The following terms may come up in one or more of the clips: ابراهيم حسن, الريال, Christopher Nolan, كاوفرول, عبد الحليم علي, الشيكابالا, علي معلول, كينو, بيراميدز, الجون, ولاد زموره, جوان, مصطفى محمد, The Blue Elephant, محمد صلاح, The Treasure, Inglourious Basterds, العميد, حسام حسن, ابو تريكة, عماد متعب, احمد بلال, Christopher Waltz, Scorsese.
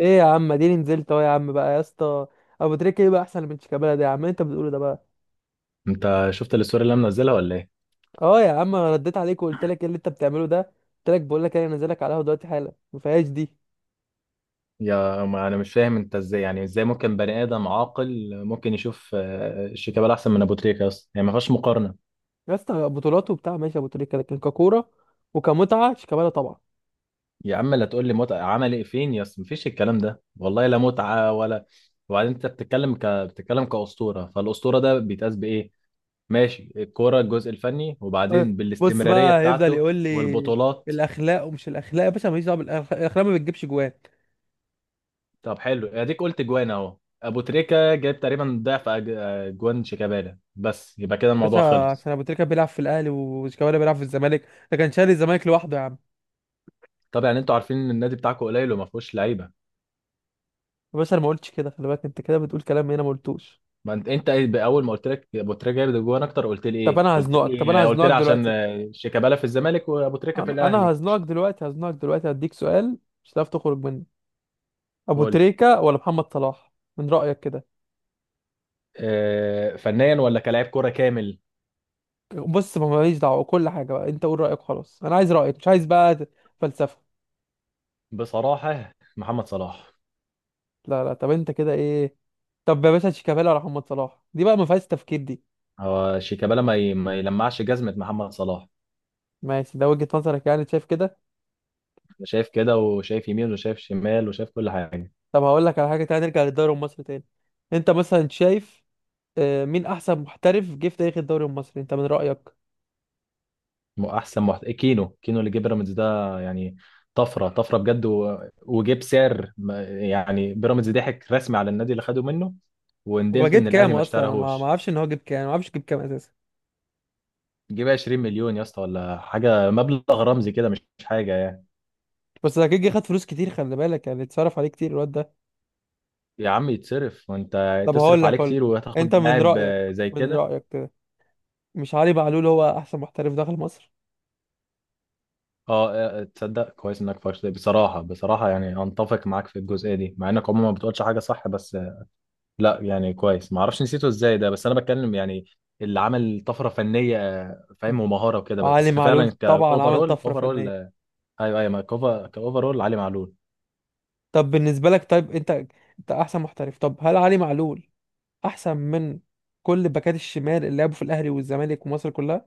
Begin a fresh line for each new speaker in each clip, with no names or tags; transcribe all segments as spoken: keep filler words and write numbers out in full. ايه يا عم، اديني نزلت اهو يا عم بقى يا اسطى. ابو تريكه ايه بقى احسن من شيكابالا ده يا عم؟ إيه انت بتقوله ده بقى؟
انت شفت الصورة اللي انا منزلها ولا ايه؟
اه يا عم، أنا رديت عليك وقلت لك ايه اللي انت بتعمله ده؟ قلت لك بقول لك إيه، انا نازلك على القهوه دلوقتي حالا، ما فيهاش دي.
يا ما انا مش فاهم انت ازاي، يعني ازاي ممكن بني ادم عاقل ممكن يشوف آه، الشيكابالا احسن من ابو تريكة؟ اصلا يعني ما فيهاش مقارنة.
يا اسطى بطولات وبتاع، ماشي ابو تريكه، لكن ككوره وكمتعه شيكابالا طبعا.
يا عم لا تقول لي متعة، عمل ايه فين يا اسطى؟ مفيش الكلام ده والله، لا متعة ولا. وبعدين انت بتتكلم ك... بتتكلم كأسطورة، فالأسطورة ده بيتقاس بايه؟ ماشي، الكورة، الجزء الفني،
أه.
وبعدين
بص
بالاستمرارية
بقى، هيفضل
بتاعته
يقول لي
والبطولات.
الاخلاق ومش الاخلاق. يا باشا ماليش دعوه بالاخلاق، الاخلاق ما بتجيبش جوان.
طب حلو، اديك قلت جوان اهو. ابو تريكة جايب تقريبا ضعف أج- آه، جوان شيكابالا، بس يبقى كده
باشا،
الموضوع خلص.
عشان ابو تريكه بيلعب في الاهلي وشيكابالا بيلعب في الزمالك، ده كان شاري الزمالك لوحده يا عم.
طب يعني انتوا عارفين ان النادي بتاعكم قليل وما فيهوش لعيبه.
يا باشا انا ما قلتش كده، خلي بالك انت كده بتقول كلام هنا ما قلتوش.
ما انت انت ايه- اول ما قلت لك ابو تريكه جايب جوان اكتر قلت لي
طب
ايه،
انا
قلت
هزنقك طب انا
لي قلت
هزنقك
لي عشان
دلوقتي.
آه، شيكابالا في الزمالك وابو تريكه في
انا أنا
الاهلي.
هزنقك دلوقتي، هزنقك دلوقتي هديك سؤال مش هتعرف تخرج منه. ابو
قول لي.
تريكة ولا محمد صلاح من رأيك كده؟
آه، فنيا ولا كلاعب كوره كامل؟
بص، ما ماليش دعوة كل حاجة بقى، انت قول رأيك خلاص، انا عايز رأيك مش عايز بقى فلسفة.
بصراحه محمد صلاح.
لا لا، طب انت كده ايه؟ طب يا باشا، شيكابالا ولا محمد صلاح، دي بقى ما فيهاش تفكير دي.
هو شيكابالا ما ي- ما يلمعش جزمه محمد صلاح.
ماشي، ده وجهة نظرك يعني، شايف كده.
انا شايف كده، وشايف يمين، وشايف شمال، وشايف كل حاجه.
طب هقول لك على حاجة تانية، نرجع للدوري المصري تاني. انت مثلا شايف آه، مين احسن محترف جه في تاريخ الدوري المصري انت من رأيك؟
م- احسن محت... كينو كينو اللي جه بيراميدز ده يعني. طفره طفره بجد و... وجه بسعر ما- يعني بيراميدز ضحك رسمي على النادي اللي خده منه،
هو
وندمت
جاب
ان الاهلي
كام
ما
اصلا؟ انا ما ما
اشتراهوش.
اعرفش ان هو جاب كام، ما اعرفش جاب كام اساسا.
جيب عشرين مليون يا اسطى، ولا حاجه، مبلغ رمزي كده، مش مش حاجه يعني.
بس ده كيجي خد فلوس كتير خلي بالك، يعني اتصرف عليه كتير الواد ده.
يا عم يتصرف، وانت
طب هقول
تصرف
لك
عليه
هقول لك.
كتير
انت
وهتاخد
من
لاعب
رايك،
آه، زي
من
كده.
رايك كده مش علي معلول هو احسن محترف دخل مصر؟
اه آه، آه، تصدق كويس انك فرشت بصراحه، بصراحه يعني انتفق معاك في الجزئيه دي، مع انك عموما ما بتقولش حاجه صح، بس لا يعني كويس، ما اعرفش نسيته ازاي ده، بس انا بتكلم يعني اللي عمل طفره فنيه، فاهم، ومهاره وكده، بس
علي
فعلا
معلول طبعا عمل
كاوفرول
طفره
اوفرول.
فنيه.
ايوه ايوه، ما كوفا كاوفرول علي معلول.
طب بالنسبه لك طيب، انت انت احسن محترف، طب هل علي معلول احسن من كل باكات الشمال اللي لعبوا في الاهلي والزمالك ومصر كلها؟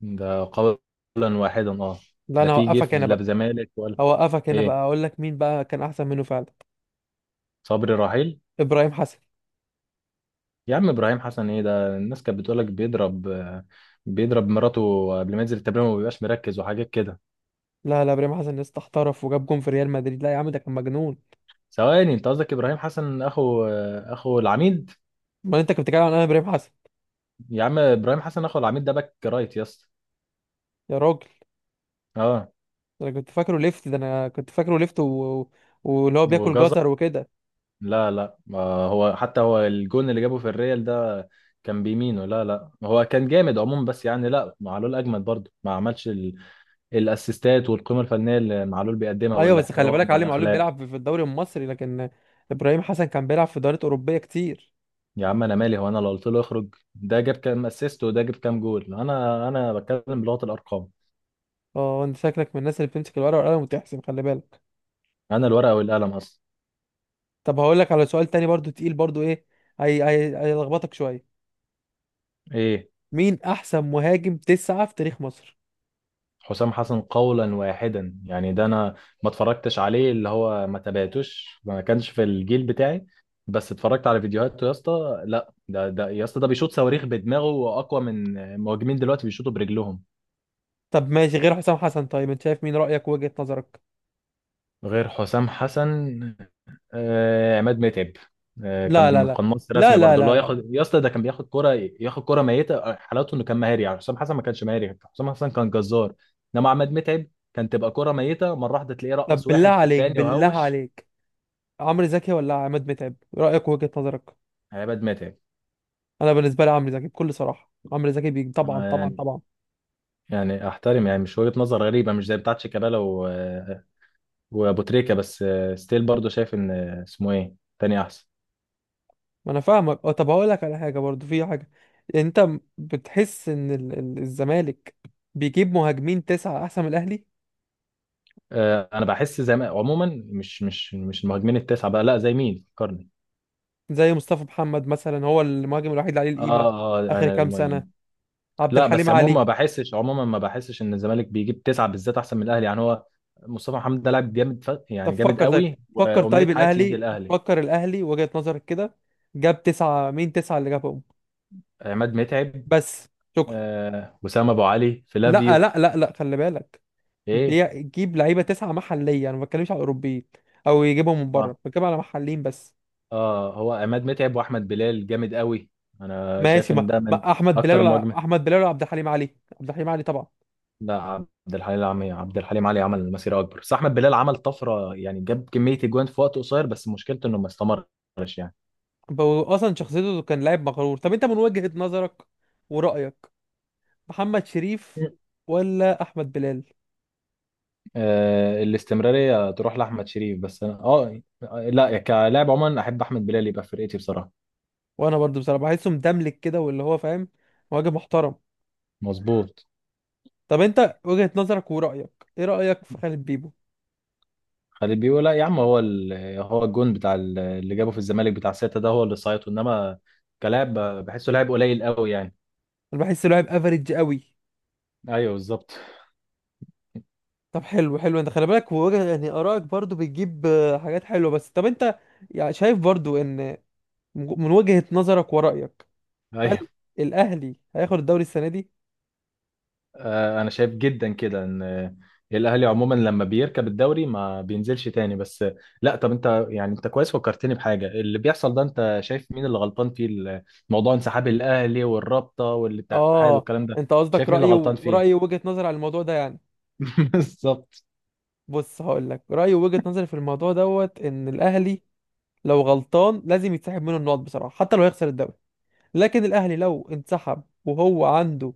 ده قولا واحدا اه.
لا،
ده
انا
في
هوقفك
جيف،
هنا
لا
بقى،
بزمالك ولا.
هوقفك هنا بقى
ايه؟
اقول لك مين بقى كان احسن منه فعلا.
صبري رحيل.
ابراهيم حسن.
يا عم ابراهيم حسن ايه ده؟ الناس كانت بتقولك بيضرب آه، بيضرب مراته قبل ما ينزل التمرين، وما بيبقاش مركز وحاجات كده.
لا لا، ابراهيم حسن لسه احترف وجاب جون في ريال مدريد، لا يا عم ده كان مجنون.
ثواني، انت قصدك ابراهيم حسن اخو آه، اخو العميد؟
امال انت كنت بتتكلم عن انا؟ ابراهيم حسن.
يا عم ابراهيم حسن اخو العميد ده باك رايت يا اسطى.
يا راجل،
اه.
ده انا كنت فاكره ليفت ده انا كنت فاكره ليفت و... واللي هو
هو
بياكل
جزر؟
جزر وكده.
لا لا، ما هو حتى هو الجون اللي جابه في الريال ده كان بيمينه. لا لا، هو كان جامد عموما، بس يعني لا، معلول اجمد برضه، ما عملش ال... الاسيستات والقيمه الفنيه اللي معلول بيقدمها،
ايوه بس خلي بالك،
والاحترام
علي معلول
والاخلاق.
بيلعب في في الدوري المصري، لكن ابراهيم حسن كان بيلعب في دوريات اوروبيه كتير.
يا عم انا مالي، هو انا لو قلت له اخرج ده جاب كام اسيست وده جاب كام جول؟ انا انا بتكلم بلغه الارقام.
اه، انت شكلك من الناس اللي بتمسك الورقه والقلم وتحسب، خلي بالك.
انا الورقه والقلم اصلا.
طب هقول لك على سؤال تاني برضو، تقيل برضو، ايه، هي هي هيلخبطك شويه.
ايه؟
مين احسن مهاجم تسعة في تاريخ مصر؟
حسام حسن قولا واحدا، يعني ده انا ما اتفرجتش عليه، اللي هو ما تابعتوش، ما كانش في الجيل بتاعي، بس اتفرجت على فيديوهاته يا اسطى. لا ده ده يا اسطى ده بيشوط صواريخ بدماغه، واقوى من مهاجمين دلوقتي بيشوطوا برجلهم.
طب ماشي، غير حسام حسن، طيب انت شايف مين رأيك وجهة نظرك؟
غير حسام حسن آه عماد متعب. آه
لا لا
كان
لا
قناص
لا.
رسمي
لا
برضه، اللي
لا
هو
لا.
ياخد يا اسطى ده كان بياخد كرة، ياخد كرة ميتة، حالته انه كان مهاري. يعني حسام حسن ما كانش مهاري، حسام حسن كان جزار، انما عماد متعب كان تبقى كرة ميتة مرة واحدة تلاقيه
طب
رقص
بالله
واحد في
عليك،
التاني
بالله
وهوش.
عليك عمرو زكي ولا عماد متعب رأيك وجهة نظرك؟
عماد متعب.
انا بالنسبة لي عمرو زكي، بكل صراحة عمرو زكي بيجي طبعا
آه،
طبعا
يعني،
طبعا.
يعني احترم، يعني مش وجهة نظر غريبة مش زي بتاعت شيكابالا و... وابو تريكة، بس آه، ستيل برضو شايف ان آه، اسمه ايه تاني احسن.
ما انا فاهمك. أه، طب هقول لك على حاجة برضو، في حاجة. انت م- بتحس ان ال- ال- الزمالك بيجيب مهاجمين تسعة احسن من الاهلي،
آه، انا بحس زي ما عموما مش مش مش المهاجمين التسعة بقى، لا زي مين فكرني.
زي مصطفى محمد مثلا، هو المهاجم الوحيد اللي عليه القيمة
اه اه
اخر
انا
كام سنة؟
المهم.
عبد
لا
الحليم
بس عموما
علي.
ما بحسش عموما ما بحسش ان الزمالك بيجيب تسعة بالذات احسن من الاهلي. يعني هو مصطفى محمد ده لاعب جامد، ف...
طب
يعني جامد
فكر طيب،
قوي
فكر
وامنية
طيب
حياتي يجي
الاهلي
الاهلي.
فكر الاهلي وجهة نظرك كده، جاب تسعة مين؟ تسعة اللي جابهم
عماد متعب
بس؟ شكرا.
آه، وسام ابو علي،
لا
فلافيو.
لا لا لا، خلي بالك،
ايه؟
بيجيب لعيبه تسعه محليه، انا ما بتكلمش على اوروبيين او يجيبهم من بره،
آه،
بتكلم على محليين بس.
اه هو عماد متعب واحمد بلال جامد قوي، انا
ماشي،
شايف ان
ما,
ده من
ما احمد بلال
اكتر
ولا
المواجمه.
احمد بلال ولا عبد الحليم علي؟ عبد الحليم علي طبعا.
لا عبد الحليم علي عبد الحليم علي عمل مسيره اكبر، بس احمد بلال عمل طفره، يعني جاب كميه اجوان في وقت قصير، بس مشكلته انه ما استمرش يعني.
هو اصلا شخصيته كان لاعب مغرور. طب انت من وجهة نظرك ورايك، محمد شريف ولا احمد بلال؟
آه الاستمراريه تروح لاحمد شريف، بس انا اه، لا كلاعب عموما احب احمد بلال يبقى في فرقتي بصراحه.
وانا برضو بصراحه بحسه مدملك كده، واللي هو فاهم مواجه محترم.
مظبوط.
طب انت وجهة نظرك ورايك، ايه رايك في خالد بيبو؟
خالد بيقول لا يا عم، هو ال... هو الجون بتاع ال- اللي جابه في الزمالك بتاع سته، ده هو اللي صايته، انما كلاعب بحسه لاعب قليل قوي يعني.
انا بحسه لاعب افريج قوي.
ايوه بالظبط.
طب حلو حلو، انت خلي بالك، وجه يعني آرائك برضو بتجيب آه، حاجات حلوة، بس طب انت يعني شايف برضو ان من وجهة نظرك ورأيك، هل
ايوه.
الأهلي هياخد الدوري السنة دي؟
آه، انا شايف جدا كده ان آه، الاهلي عموما لما بيركب الدوري ما بينزلش تاني، بس آه، لا طب انت، يعني انت كويس فكرتني بحاجه. اللي بيحصل ده، انت شايف مين اللي غلطان فيه، ال- موضوع انسحاب الاهلي والرابطه والاتحاد
اه،
والكلام ده؟
انت قصدك
شايف مين اللي
رأيي
غلطان فيه؟
ورأيي ووجهة نظري على الموضوع ده يعني.
بالظبط.
بص هقول لك رأيي ووجهة نظري في الموضوع، دوت ان الأهلي لو غلطان لازم يتسحب منه النقط بصراحة، حتى لو هيخسر الدوري، لكن الأهلي لو انسحب وهو عنده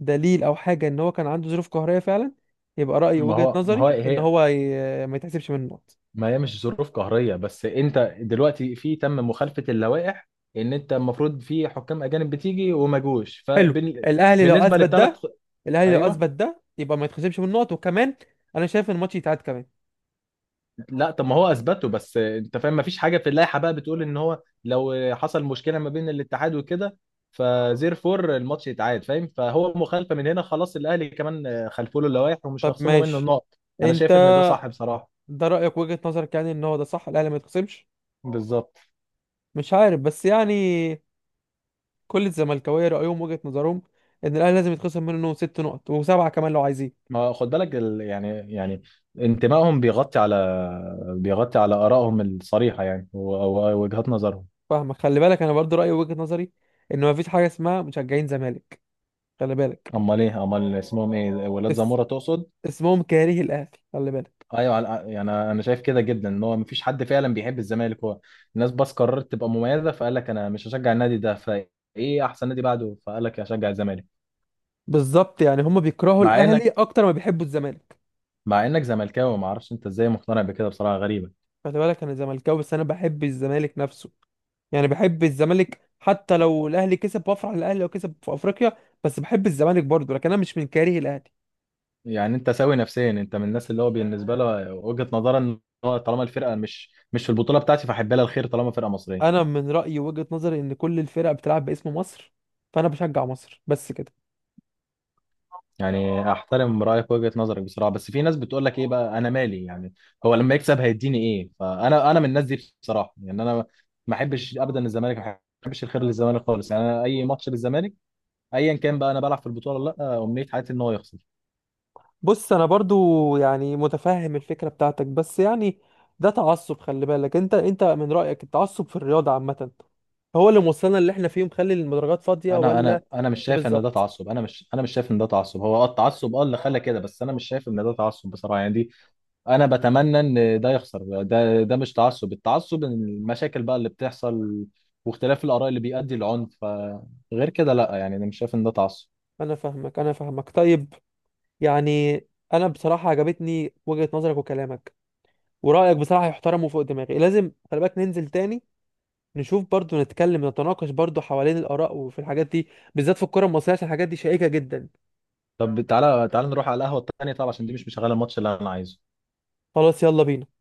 دليل او حاجه ان هو كان عنده ظروف قهريه فعلا، يبقى رايي
ما
وجهه
هو ما هو
نظري ان
هي،
هو ي... ما يتحسبش من النقط.
ما هي مش ظروف قهريه، بس انت دلوقتي في تم مخالفه اللوائح، ان انت المفروض في حكام اجانب بتيجي وما جوش،
حلو، الاهلي لو
فبالنسبه
اثبت
للثلاث.
ده الاهلي لو
ايوه.
اثبت ده يبقى ما يتحسبش من النقط، وكمان انا شايف ان الماتش يتعاد كمان.
لا طب ما هو اثبته، بس انت فاهم ما فيش حاجه في اللائحه بقى بتقول ان هو لو حصل مشكله ما بين الاتحاد وكده، فزير فور الماتش يتعاد، فاهم؟ فهو مخالفه من هنا. خلاص الاهلي كمان خلفوا له اللوائح ومش
طب
هيخصموا منه
ماشي،
النقط. انا
انت
شايف ان ده صح بصراحه.
ده رايك وجهه نظرك يعني، ان هو ده صح، الاهلي ما يتخصمش؟
بالظبط.
مش عارف بس يعني، كل الزملكاويه رايهم وجهه نظرهم ان الاهلي لازم يتخصم منه ست نقط وسبعه كمان لو عايزين.
ما خد بالك ال... يعني يعني انتمائهم بيغطي على بيغطي على ارائهم الصريحه، يعني و- ووجهات نظرهم.
فاهمك خلي بالك، انا برضو رايي وجهه نظري ان ما فيش حاجه اسمها مشجعين زمالك. خلي بالك،
امال ايه، امال اسمهم ايه، ولاد زموره تقصد؟
اسمهم كاره الاهلي. خلي بالك،
ايوه. على- يعني انا شايف كده جدا ان هو مفيش حد فعلا بيحب الزمالك، هو الناس بس قررت تبقى مميزه، فقال لك انا مش هشجع النادي ده، فايه احسن نادي بعده؟ فقال لك هشجع الزمالك.
بالظبط، يعني هم بيكرهوا
مع انك
الاهلي اكتر ما بيحبوا الزمالك.
مع انك زملكاوي، ما اعرفش انت ازاي مقتنع بكده بصراحه، غريبه.
خلي بالك، انا زملكاوي بس انا بحب الزمالك نفسه، يعني بحب الزمالك حتى لو الاهلي كسب، بفرح للاهلي لو كسب في افريقيا، بس بحب الزمالك برضه، لكن انا مش من كاره الاهلي.
يعني انت سوي نفسيا؟ انت من الناس اللي هو بالنسبه له وجهه نظرا ان هو طالما الفرقه مش مش في البطوله بتاعتي فاحب لها الخير طالما فرقه
انا
مصريه.
من رايي وجهة نظري ان كل الفرق بتلعب باسم مصر، فانا بشجع مصر بس كده.
يعني احترم رايك وجهة نظرك بصراحه، بس في ناس بتقول لك ايه بقى انا مالي، يعني هو لما يكسب هيديني ايه؟ فانا انا من الناس دي بصراحه، يعني انا ما احبش ابدا الزمالك، ما احبش الخير للزمالك خالص. يعني انا اي ماتش للزمالك ايا كان، بقى انا بلعب في البطوله ولا لا، امنيه حياتي ان هو يخسر.
بص انا برضو يعني متفهم الفكره بتاعتك، بس يعني ده تعصب، خلي بالك انت انت من رايك التعصب في الرياضه عامه هو اللي موصلنا اللي احنا فيه، مخلي المدرجات فاضيه
انا انا
ولا
انا مش
ايه
شايف ان ده
بالظبط؟
تعصب، انا مش انا مش شايف ان ده تعصب. هو اه التعصب اه اللي خلى كده، بس انا مش شايف ان ده تعصب بصراحه، يعني دي، انا بتمنى ان ده يخسر، ده ده مش تعصب. التعصب ان المشاكل بقى اللي بتحصل واختلاف الاراء اللي بيؤدي لعنف، فغير كده لا، يعني انا مش شايف ان ده تعصب.
انا فاهمك انا فاهمك طيب، يعني انا بصراحه عجبتني وجهه نظرك وكلامك ورايك بصراحه، يحترم وفوق دماغي. لازم خلي بالك ننزل تاني، نشوف برضو، نتكلم نتناقش برضو حوالين الاراء وفي الحاجات دي، بالذات في الكره المصريه، عشان الحاجات دي شائكه جدا.
طب تعالى تعالى نروح على القهوه التانيه، طب عشان دي مش مشغله، الماتش اللي انا عايزه.
خلاص يلا بينا.